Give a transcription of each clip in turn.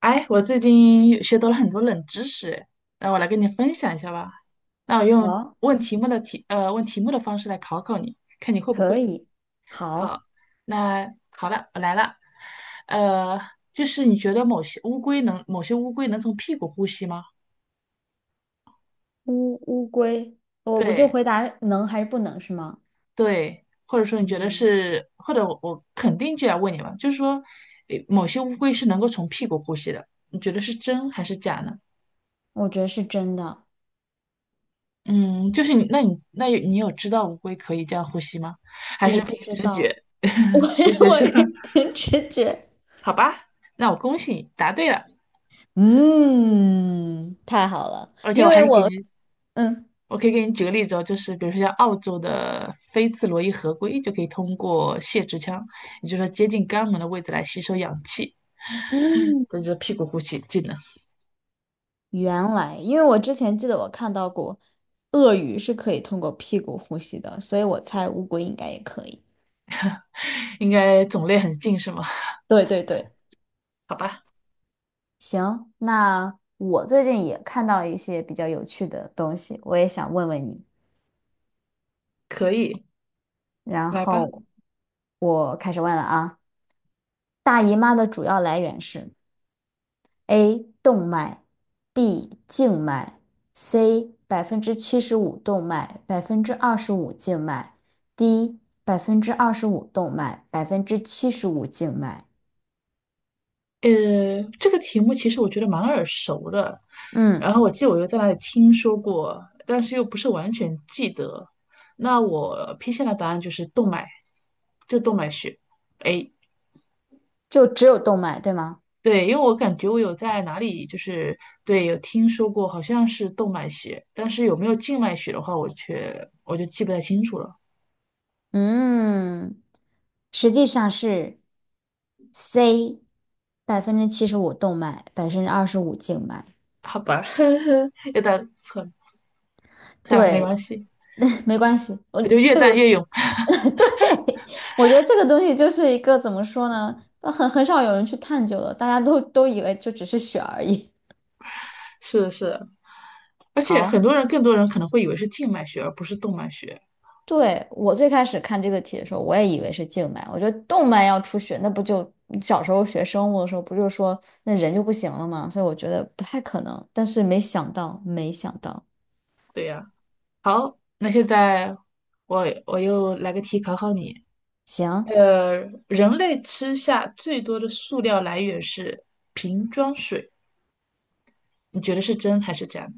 哎，我最近学到了很多冷知识，那我来跟你分享一下吧。那我用好，问题目的题，问题目的方式来考考你，看你会不可会。以，好，好，那好了，我来了。呃，就是你觉得某些乌龟能，某些乌龟能从屁股呼吸吗？乌龟，我就对回答能还是不能是吗？对，或者说你觉得嗯，是，或者我肯定就要问你嘛，就是说，诶某些乌龟是能够从屁股呼吸的，你觉得是真还是假呢？我觉得是真的，嗯，就是你，那你，那有你有知道乌龟可以这样呼吸吗？还我是凭不知直道。觉？我 直觉是，我也 凭直觉。好吧，那我恭喜你答对了，嗯，太好了，而且因我还为给你，我嗯，我可以给你举个例子哦，就是比如说像澳洲的菲茨罗伊河龟就可以通过泄殖腔，也就是说接近肛门的位置来吸收氧气，嗯，这就是屁股呼吸技能，原来因为我之前记得我看到过，鳄鱼是可以通过屁股呼吸的，所以我猜乌龟应该也可以。应该种类很近是吗？对对对。好吧，行，那我最近也看到一些比较有趣的东西，我也想问问你。可以，然来吧。后我开始问了啊，大姨妈的主要来源是 A 动脉，B 静脉，C 百分之七十五动脉，25%静脉，D 百分之二十五动脉，75%静脉。这个题目其实我觉得蛮耳熟的，然嗯，后我记得我又在哪里听说过，但是又不是完全记得。那我批下的答案就是动脉，就动脉血。哎，就只有动脉，对吗？对，因为我感觉我有在哪里就是对有听说过，好像是动脉血，但是有没有静脉血的话，我就记不太清楚了。嗯，实际上是 C 百分之七十五动脉，百分之二十五静脉。好吧，又答错了，算了，没对，关系，没关系，我我就越这个。 战越勇。对，我觉得这个东西就是一个怎么说呢，很少有人去探究的，大家都以为就只是血而已。是是，而且好。很多人，更多人可能会以为是静脉血，而不是动脉血。对，我最开始看这个题的时候，我也以为是静脉。我觉得动脉要出血，那不就小时候学生物的时候，不就说那人就不行了吗？所以我觉得不太可能。但是没想到，没想到。对呀、好，那现在我又来个题考考你。行，呃，人类吃下最多的塑料来源是瓶装水，你觉得是真还是假？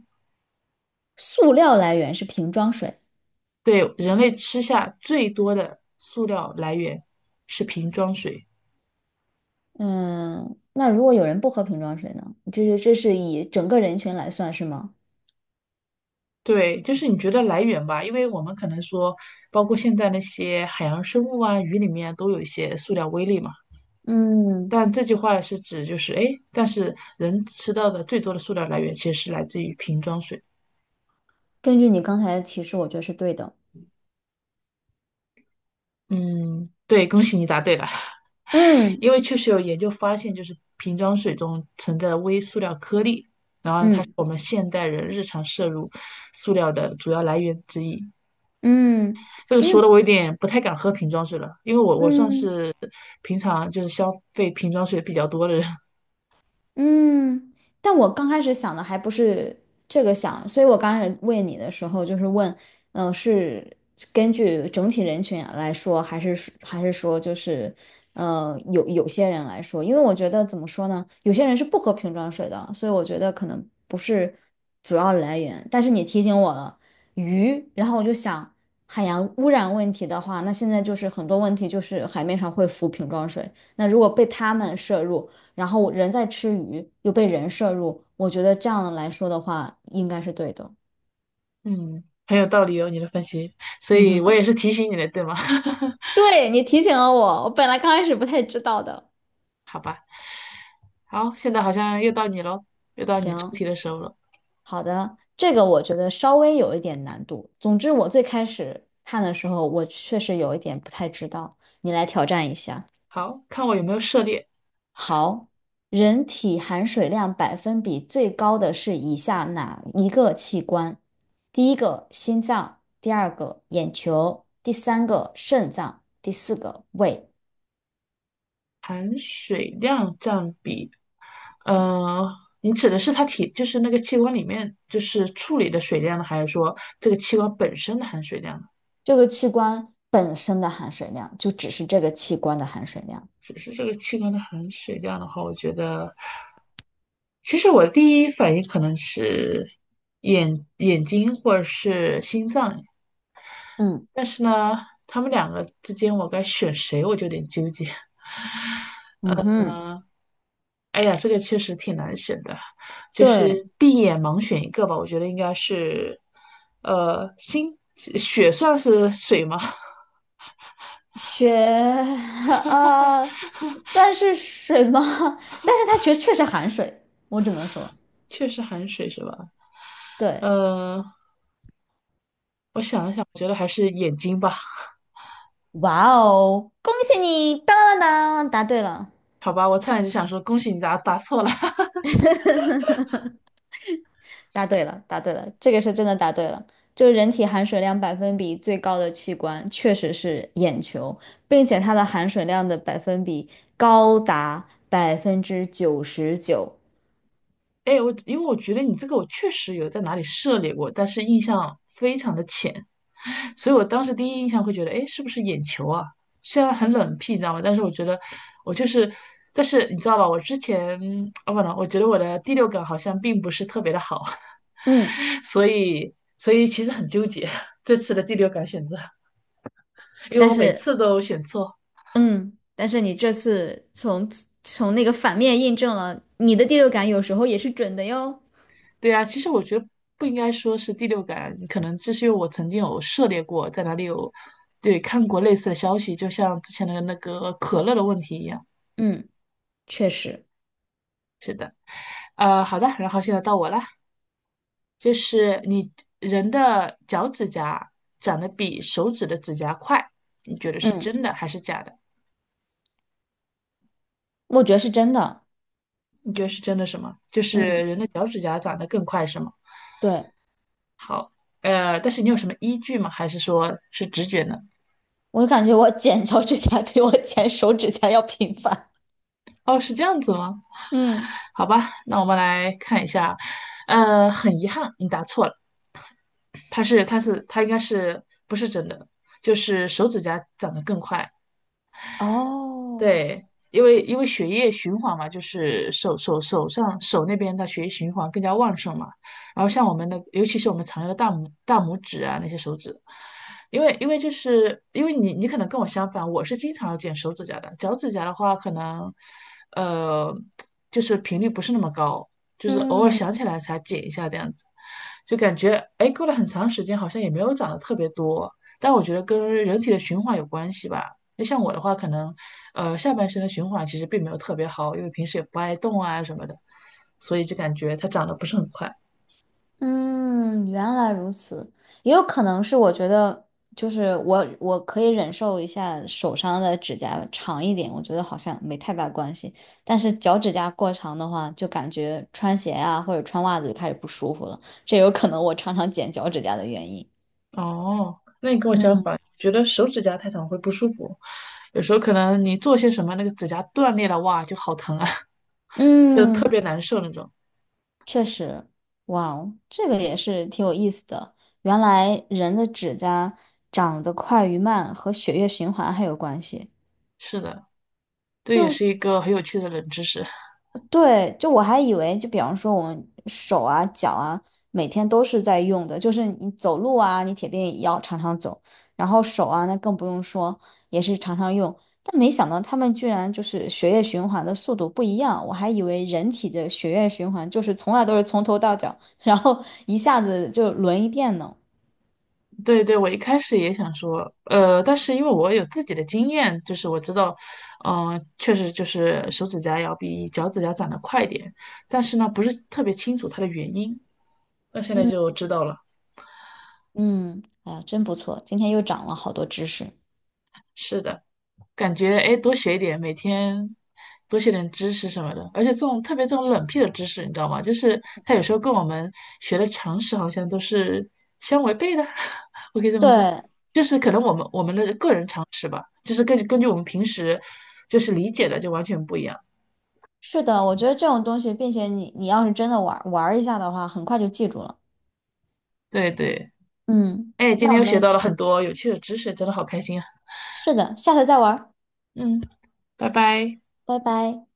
塑料来源是瓶装水。对，人类吃下最多的塑料来源是瓶装水。嗯，那如果有人不喝瓶装水呢？就是这是以整个人群来算，是吗？对，就是你觉得来源吧，因为我们可能说，包括现在那些海洋生物啊、鱼里面都有一些塑料微粒嘛。嗯，但这句话是指就是，哎，但是人吃到的最多的塑料来源其实是来自于瓶装水。根据你刚才的提示，我觉得是对的。嗯，对，恭喜你答对了，嗯因为确实有研究发现，就是瓶装水中存在的微塑料颗粒，然后它是嗯我们现代人日常摄入塑料的主要来源之一。嗯，这个因说为的我有点不太敢喝瓶装水了，因为我算嗯。是平常就是消费瓶装水比较多的人。嗯，但我刚开始想的还不是这个想，所以我刚开始问你的时候，就是问，嗯、是根据整体人群来说，还是说就是，有些人来说，因为我觉得怎么说呢，有些人是不喝瓶装水的，所以我觉得可能不是主要来源。但是你提醒我了鱼，然后我就想，海洋污染问题的话，那现在就是很多问题就是海面上会浮瓶装水，那如果被他们摄入。然后人在吃鱼，又被人摄入，我觉得这样来说的话，应该是对的。嗯，很有道理哦，你的分析，所嗯以我也哼，是提醒你的，对吗？对，你提醒了我，我本来刚开始不太知道的。好吧，好，现在好像又到你喽，又到你出行，题的时候了。好的，这个我觉得稍微有一点难度。总之，我最开始看的时候，我确实有一点不太知道，你来挑战一下。好，看我有没有涉猎。好，人体含水量百分比最高的是以下哪一个器官？第一个心脏，第二个眼球，第三个肾脏，第四个胃。含水量占比，呃，你指的是它体，就是那个器官里面就是处理的水量呢，还是说这个器官本身的含水量呢？这个器官本身的含水量就只是这个器官的含水量。只是这个器官的含水量的话，我觉得，其实我第一反应可能是眼睛或者是心脏，嗯但是呢，他们两个之间我该选谁，我就有点纠结。嗯哼，嗯，哎呀，这个确实挺难选的，就对，是闭眼盲选一个吧。我觉得应该是，星血算是水吗？血。 呃，算是水吗？但是它确实含水，我只能说，确实含水是吧？对。呃，我想了想，我觉得还是眼睛吧。哇哦，恭喜你！当当当当答对了，好吧，我差点就想说恭喜你答答错了。答对了，答对了，这个是真的答对了。就是人体含水量百分比最高的器官确实是眼球，并且它的含水量的百分比高达99%。哎，我因为我觉得你这个我确实有在哪里涉猎过，但是印象非常的浅。所以我当时第一印象会觉得，哎，是不是眼球啊？虽然很冷僻，你知道吗？但是我觉得我就是，但是你知道吧？我之前啊不能，我觉得我的第六感好像并不是特别的好，嗯，所以其实很纠结这次的第六感选择，因为但我每是，次都选错。嗯，但是你这次从那个反面印证了你的第六感有时候也是准的哟。对啊，其实我觉得不应该说是第六感，可能这是因为我曾经有涉猎过，在哪里有对看过类似的消息，就像之前的那个可乐的问题一样。嗯，确实。是的，呃，好的，然后现在到我了。就是你人的脚趾甲长得比手指的指甲快，你觉得是嗯，真的还是假的？我觉得是真的。你觉得是真的什么？就是嗯，人的脚趾甲长得更快是吗？对。好，但是你有什么依据吗？还是说是直觉呢？我感觉我剪脚趾甲比我剪手指甲要频繁。哦，是这样子吗？嗯好吧，那我们来看一下，很遗憾，你答错了，它应该是不是真的，就是手指甲长得更快。哦，对，因为血液循环嘛，就是手那边的血液循环更加旺盛嘛。然后像我们的，尤其是我们常用的大拇指啊那些手指，因为就是因为你可能跟我相反，我是经常要剪手指甲的，脚趾甲的话可能呃就是频率不是那么高，就是偶尔想嗯起来才剪一下这样子，就感觉哎过了很长时间好像也没有长得特别多，但我觉得跟人体的循环有关系吧。那像我的话，可能下半身的循环其实并没有特别好，因为平时也不爱动啊什么的，所以就感觉它长得不是很快。嗯，原来如此。也有可能是我觉得，就是我可以忍受一下手上的指甲长一点，我觉得好像没太大关系。但是脚趾甲过长的话，就感觉穿鞋啊或者穿袜子就开始不舒服了，这有可能我常常剪脚趾甲的原因。哦，那你跟我相嗯。反，觉得手指甲太长会不舒服，有时候可能你做些什么，那个指甲断裂了，哇，就好疼啊，就特嗯。别难受那种。确实。哇哦，这个也是挺有意思的。原来人的指甲长得快与慢和血液循环还有关系。是的，这也就是一个很有趣的冷知识。对，就我还以为，就比方说我们手啊、脚啊，每天都是在用的，就是你走路啊，你铁定也要常常走，然后手啊，那更不用说，也是常常用。但没想到他们居然就是血液循环的速度不一样，我还以为人体的血液循环就是从来都是从头到脚，然后一下子就轮一遍呢。对对，我一开始也想说，但是因为我有自己的经验，就是我知道，嗯、确实就是手指甲要比脚趾甲长得快一点，但是呢，不是特别清楚它的原因。那现在嗯就知道了，嗯，哎呀，真不错，今天又长了好多知识。是的，感觉哎，诶多学一点，每天多学点知识什么的，而且这种特别这种冷僻的知识，你知道吗？就是它有时候跟我们学的常识好像都是相违背的，我可以这么说。对，就是可能我们的个人常。就是根据我们平时就是理解的就完全不一样。是的，我觉得这种东西，并且你要是真的玩玩儿一下的话，很快就记住了。对对，嗯，哎，今那天我又学到们了很多有趣的知识，真的好开心啊！是的，下次再玩儿嗯，拜拜。拜拜。